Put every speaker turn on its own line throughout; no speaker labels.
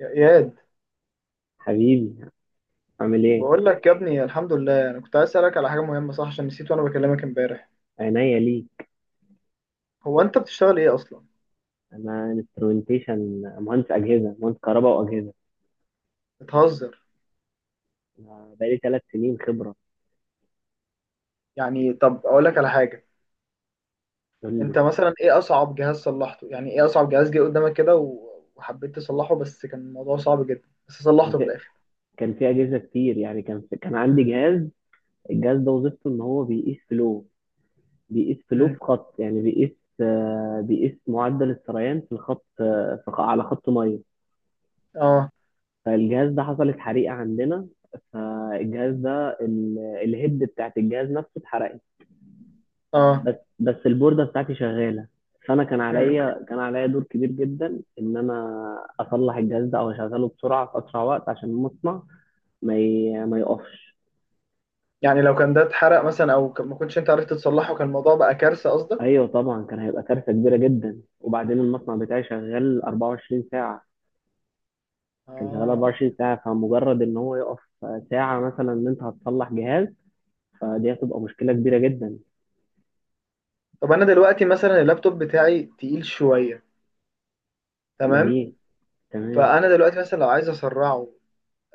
يا اياد،
حبيبي، عامل ايه؟
بقول لك يا ابني الحمد لله، انا كنت عايز اسالك على حاجه مهمه صح، عشان نسيت وانا بكلمك امبارح.
عينيا ليك.
هو انت بتشتغل ايه اصلا؟
انا انسترومنتيشن، مهندس اجهزه، مهندس كهرباء واجهزه.
بتهزر؟
انا بقالي 3 سنين خبره.
يعني طب اقول لك على حاجه.
قول
انت
لي.
مثلا ايه اصعب جهاز صلحته؟ يعني ايه اصعب جهاز جه قدامك كده و- وحبيت تصلحه بس كان الموضوع صعب جدا بس
كان
صلحته في
في
الاخر؟
اجهزه كتير، يعني كان عندي جهاز. الجهاز ده وظيفته ان هو بيقيس فلو، بيقيس فلو في
امم
خط، يعني بيقيس، بيقيس معدل السريان في الخط، على خط ميه.
اه.
فالجهاز ده حصلت حريقه عندنا. فالجهاز ده الهيد بتاعت الجهاز نفسه اتحرق،
اه.
بس البوردة بتاعتي شغالة. فأنا كان
امم
عليا كان عليا دور كبير جدا إن أنا أصلح الجهاز ده أو أشغله بسرعة في أسرع وقت، عشان المصنع ما يقفش.
يعني لو كان ده اتحرق مثلا او ما كنتش انت عرفت تصلحه كان الموضوع بقى كارثه قصدك؟
أيوه طبعا، كان هيبقى كارثة كبيرة جدا، وبعدين المصنع بتاعي شغال 24 ساعة. كان شغال
اه.
24 ساعة، فمجرد إن هو يقف ساعة مثلا، إن أنت هتصلح جهاز، فدي هتبقى مشكلة كبيرة جدا.
طب انا دلوقتي مثلا اللابتوب بتاعي تقيل شويه، تمام؟
جميل. تمام.
فانا دلوقتي مثلا لو عايز اسرعه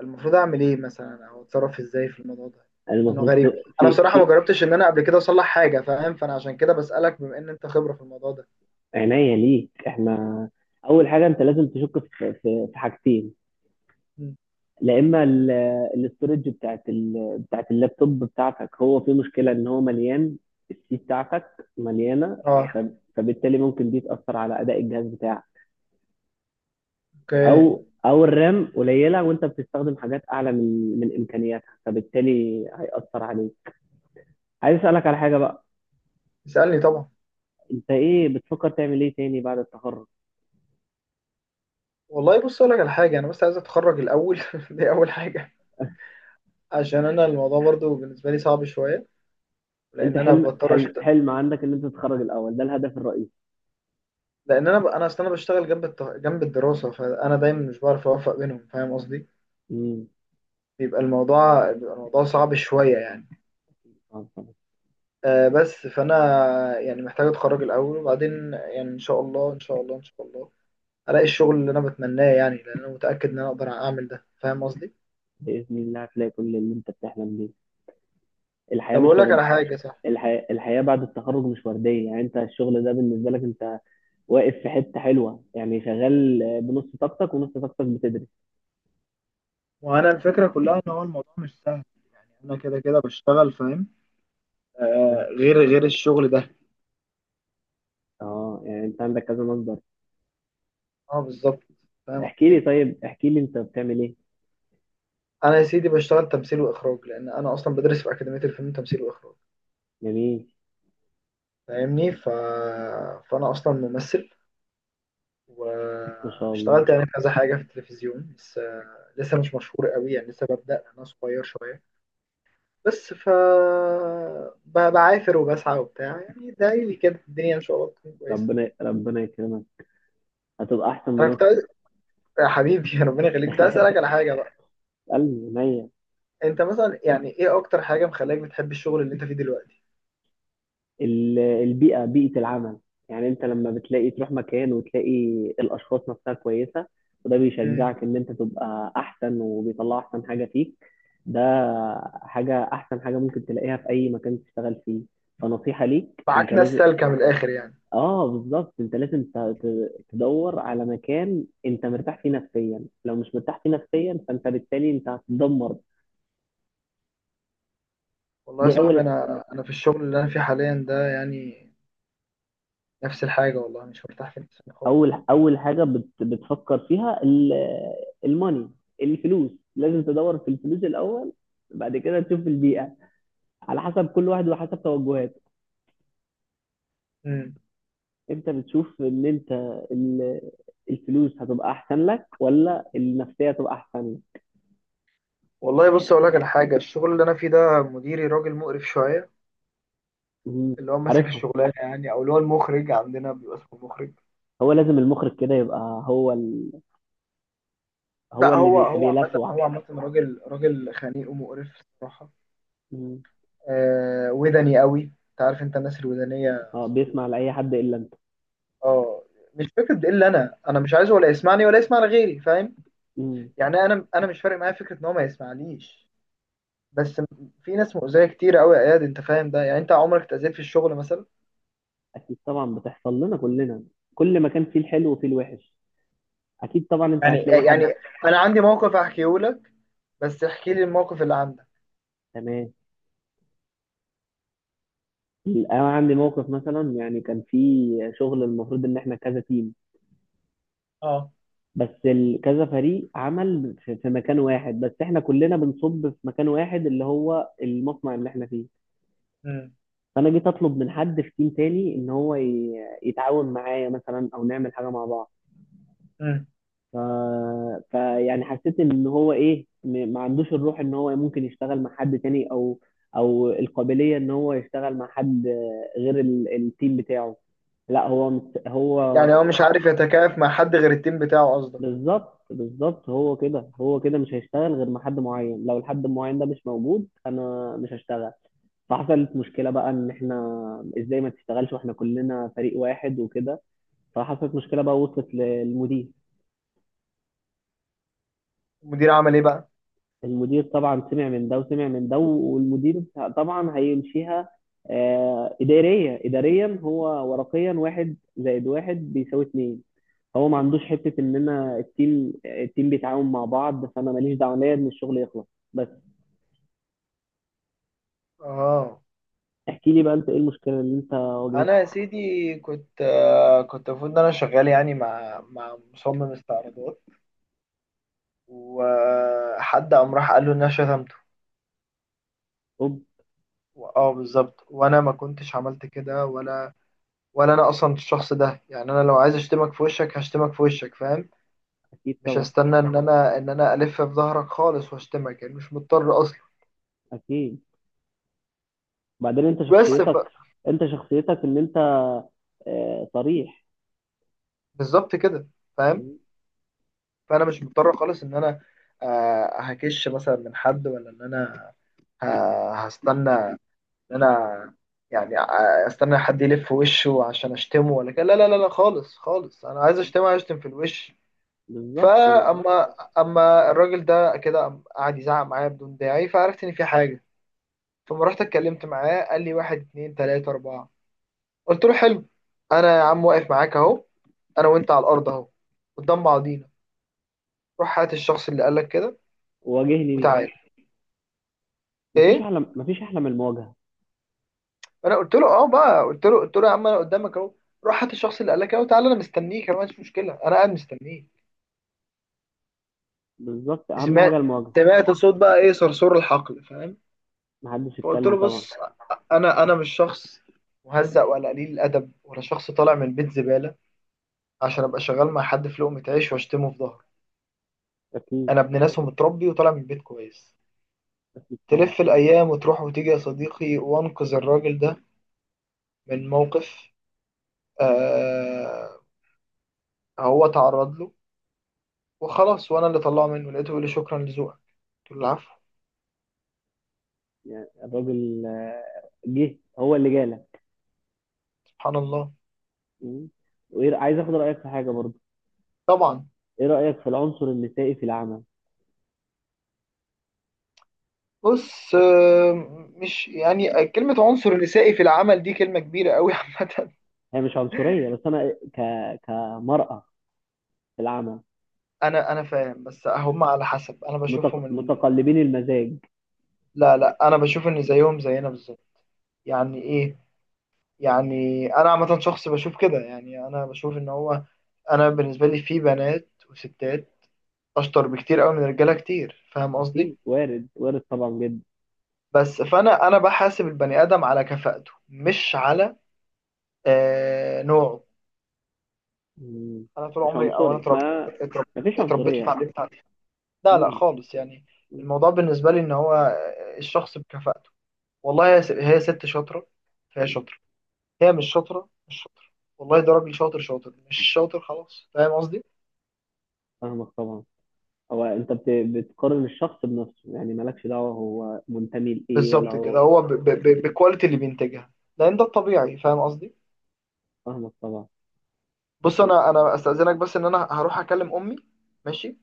المفروض اعمل ايه مثلا او اتصرف ازاي في الموضوع ده؟ لانه
المفروض
غريب. انا
في
بصراحه ما
في
جربتش ان انا قبل كده اصلح حاجه، فاهم؟ فانا عشان كده بسالك بما ان انت خبره في الموضوع ده.
عناية ليك. إحنا أول حاجة أنت لازم تشك في في حاجتين.
مم.
لا اما ال- الاستورج بتاعت اللابتوب بتاعتك، هو في مشكله ان هو مليان، السي بتاعتك مليانه. ف...
اه.
فبالتالي ممكن دي تاثر على اداء الجهاز بتاعك،
اوكي.
او الرام قليله وانت بتستخدم حاجات اعلى من امكانياتها، فبالتالي هياثر عليك. عايز اسالك على حاجه بقى،
اسالني طبعا.
انت ايه بتفكر تعمل ايه تاني بعد التخرج؟
والله بص اقول لك على حاجه، انا بس عايز اتخرج الاول دي اول حاجه، عشان انا الموضوع برضو بالنسبه لي صعب شويه.
انت
لان انا
حلم
بضطر
حلم
أشت...
حلم عندك ان انت تتخرج الاول، ده الهدف الرئيسي.
لان انا ب... انا اصل انا بشتغل جنب جنب الدراسه، فانا دايما مش بعرف اوفق بينهم، فاهم قصدي؟
امم.
بيبقى الموضوع صعب شويه يعني.
طبعاً، طبعاً.
بس فانا يعني محتاج اتخرج الاول وبعدين يعني ان شاء الله، ان شاء الله الاقي الشغل اللي انا بتمناه، يعني لان انا متاكد ان انا اقدر اعمل ده، فاهم قصدي؟
باذن الله هتلاقي كل اللي انت بتحلم بيه. الحياه
طب
مش
اقول لك
ورد،
على حاجه صح.
الحياة الحياة بعد التخرج مش وردية، يعني انت الشغل ده بالنسبة لك انت واقف في حتة حلوة، يعني شغال بنص طاقتك ونص طاقتك بتدرس.
وانا الفكره كلها ان هو الموضوع مش سهل. يعني انا كده كده بشتغل، فاهم؟ آه،
فاهم؟
غير الشغل ده.
اه يعني انت عندك كذا مصدر.
اه بالظبط. فاهم
احكي لي،
قصدي.
طيب احكي لي انت بتعمل ايه.
انا يا سيدي بشتغل تمثيل واخراج، لان انا اصلا بدرس في اكاديميه الفيلم تمثيل واخراج.
جميل.
فاهمني ف... فانا اصلا ممثل،
ما شاء الله.
واشتغلت يعني في كذا حاجة في التلفزيون، بس لسه مش مشهور قوي، يعني لسه ببدأ، أنا صغير شوية. بس ف بعافر وبسعى وبتاع يعني دايلي كده، الدنيا إن شاء الله تكون كويسة.
ربنا ربنا يكرمك، هتبقى احسن
أنا كنت
ممثل.
عايز، يا حبيبي ربنا يخليك، كنت عايز أسألك على حاجة بقى.
قلبي، عينيا.
أنت مثلا يعني إيه أكتر حاجة مخليك بتحب الشغل اللي أنت فيه دلوقتي؟
البيئة، بيئة العمل. يعني انت لما بتلاقي تروح مكان وتلاقي الاشخاص نفسها كويسة، وده
امم
بيشجعك ان انت تبقى احسن وبيطلع احسن حاجة فيك. ده حاجة، احسن حاجة ممكن تلاقيها في اي مكان تشتغل فيه. فنصيحة ليك، انت
معاك ناس
لازم.
سالكة من الآخر يعني؟
اه بالظبط، انت لازم تدور على مكان انت مرتاح فيه نفسيا، لو مش مرتاح فيه نفسيا، فانت بالتالي انت هتتدمر.
والله يا
دي
صاحبي
اول،
أنا في الشغل اللي أنا فيه حاليا ده يعني نفس الحاجة، والله مش مرتاح فيه خالص.
اول حاجه بتفكر فيها، الماني، الفلوس. لازم تدور في الفلوس الاول، بعد كده تشوف البيئه، على حسب كل واحد وحسب توجهاته.
امم
انت بتشوف ان انت ال- الفلوس هتبقى احسن لك ولا النفسيه هتبقى احسن لك.
والله بص اقول لك على حاجه، الشغل اللي انا فيه ده مديري راجل مقرف شويه.
مم.
اللي هو ماسك
عارفهم.
الشغلانه يعني، او اللي هو المخرج عندنا بيبقى اسمه المخرج.
هو لازم المخرج كده يبقى هو ال... هو
لا،
اللي
هو
بي...
هو عامه هو
بيلسوع.
عامه راجل خنيق ومقرف الصراحه.
مم.
آه ودني قوي. انت عارف انت الناس الودانيه
اه، بيسمع
بيبقوا-
لاي حد الا انت.
اه. مش فكره ده، الا انا، انا مش عايزه ولا يسمعني ولا يسمع لغيري، فاهم؟
مم.
يعني انا مش فارق معايا فكره ان هو ما يسمعنيش. بس في ناس مؤذيه كتير قوي يا اياد، انت فاهم ده؟ يعني انت عمرك اتاذيت في الشغل مثلا؟
اكيد طبعا، بتحصل لنا كلنا، كل ما كان فيه الحلو وفيه الوحش، اكيد طبعا انت
يعني
هتلاقي
يعني
حد.
انا عندي موقف احكيه لك، بس احكي لي الموقف اللي عندك.
تمام. انا عندي موقف مثلا، يعني كان في شغل، المفروض ان احنا كذا تيم،
اه.
كذا فريق عمل في مكان واحد، بس احنا كلنا بنصب في مكان واحد اللي هو المصنع اللي احنا فيه.
امم
فانا جيت اطلب من حد في تيم تاني ان هو يتعاون معايا مثلا، او نعمل حاجه مع بعض.
امم
ف... فيعني حسيت ان هو ايه، ما عندوش الروح ان هو ممكن يشتغل مع حد تاني، او القابليه ان هو يشتغل مع حد غير التيم بتاعه. لا هو مت... هو
يعني هو مش عارف يتكيف مع حد غير التيم بتاعه قصدك؟
بالظبط، هو كده، هو كده مش هيشتغل غير مع حد معين، لو الحد المعين ده مش موجود انا مش هشتغل. فحصلت مشكله بقى، ان احنا ازاي ما تشتغلش واحنا كلنا فريق واحد وكده. فحصلت مشكله بقى وصلت للمدير.
المدير عمل ايه بقى؟
المدير طبعا سمع من ده وسمع من ده، والمدير طبعا هيمشيها. إدارية، إداريا هو ورقيا 1+1 بيساوي 2. هو ما عندوش حتة إن أنا التيم، بيتعاون مع بعض، فأنا ماليش دعوة ليا إن الشغل يخلص بس.
اه.
احكي لي بقى، أنت إيه المشكلة اللي أنت واجهتها؟
انا يا سيدي كنت، كنت المفروض ان انا شغال يعني مع مصمم استعراضات، وحد قام راح قال له ان انا شتمته.
أوب.
اه بالظبط، وانا ما كنتش عملت كده، ولا انا اصلا الشخص ده. يعني انا لو عايز اشتمك في وشك هشتمك في وشك، فاهم؟
أكيد
مش
طبعا.
هستنى ان انا الف في ظهرك خالص واشتمك، يعني مش مضطر اصلا.
أكيد. بعدين أنت
بس ف...
شخصيتك، أنت شخصيتك إن أنت، صريح.
بالظبط كده. فاهم.
م-
فانا مش مضطر خالص ان انا، هكش مثلا من حد، ولا ان انا هستنى ان انا، يعني استنى حد يلف وشه عشان اشتمه ولا كده. لا لا لا لا، خالص خالص، انا عايز اشتمه هشتم في الوش.
بالظبط.
اما الراجل ده كده قام قعد يزعق معايا بدون داعي، فعرفت ان في حاجه. فما رحت اتكلمت معاه قال لي واحد اتنين تلاته اربعه. قلت له حلو، انا يا عم واقف معاك اهو، انا وانت على الارض اهو، قدام بعضينا. روح هات الشخص اللي قال لك كده
واجهني بيه.
وتعالى. ايه.
مفيش أحلى من المواجهة.
انا قلت له اه بقى، قلت له يا عم انا قدامك اهو، روح هات الشخص اللي قال لك كده وتعالى، انا مستنيك، انا ما عنديش مشكله، انا قاعد مستنيك.
بالظبط، أهم
سمعت؟
حاجة المواجهة.
سمعت صوت بقى ايه؟ صرصور الحقل، فاهم؟
محدش
فقلت
اتكلم
له
طبعا.
بص، انا مش شخص مهزأ ولا قليل الادب ولا شخص طالع من البيت زباله، عشان ابقى شغال مع حد في لقمه عيش واشتمه في ظهره.
اكيد،
انا ابن ناس ومتربي وطالع من البيت كويس.
اكيد طبعا.
تلف الايام وتروح وتيجي يا صديقي، وانقذ الراجل ده من موقف، آه، هو تعرض له، وخلاص، وانا اللي طلعه منه، لقيته بيقول لي شكرا لذوقك. قلت له العفو.
يعني الراجل، جه هو اللي جالك.
سبحان الله.
مم. وايه، عايز اخد رايك في حاجه برضه.
طبعا.
ايه رايك في العنصر النسائي في العمل؟
بص مش يعني كلمة عنصر نسائي في العمل دي كلمة كبيرة قوي عامة.
هي مش عنصريه، بس انا كمراه في العمل
انا فاهم، بس هم على حسب، انا بشوفهم ان،
متقلبين المزاج.
لا لا، انا بشوف ان زيهم زينا بالظبط. يعني ايه؟ يعني انا عامة شخص بشوف كده، يعني انا بشوف ان هو، انا بالنسبة لي في بنات وستات اشطر بكتير قوي من رجالة كتير، فاهم قصدي؟
اكيد وارد، وارد طبعا، جدا.
فانا بحاسب البني ادم على كفاءته مش على آه نوعه.
مم.
انا طول
مش
عمري، او انا
عنصري،
اترب-
ما فيش
اتربيت
عنصريه.
وتعلمت عليه. لا لا
مم.
خالص يعني.
مم.
الموضوع بالنسبه لي ان هو، الشخص بكفاءته. والله هي ست شاطره، فهي شاطره. هي مش شاطره، مش شاطره. والله ده راجل شاطر، شاطر. مش شاطر خلاص، فاهم قصدي؟
فاهمك طبعا. هو انت بتقارن الشخص بنفسه، يعني مالكش دعوه هو منتمي لايه ولا
بالظبط كده،
هو.
هو بالكواليتي اللي بينتجها، لان ده الطبيعي، فاهم قصدي؟
فاهمك طبعا. بس
بص انا، استاذنك بس ان انا هروح اكلم امي. ماشي.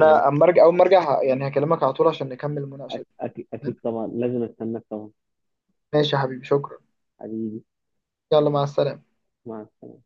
خلاص،
اما ارجع، اول ما ارجع يعني هكلمك على طول عشان نكمل المناقشه دي. تمام؟
أكيد طبعا، لازم أستناك طبعا.
ماشي يا حبيبي، شكرا.
حبيبي.
يلا مع السلامه.
مع السلامة.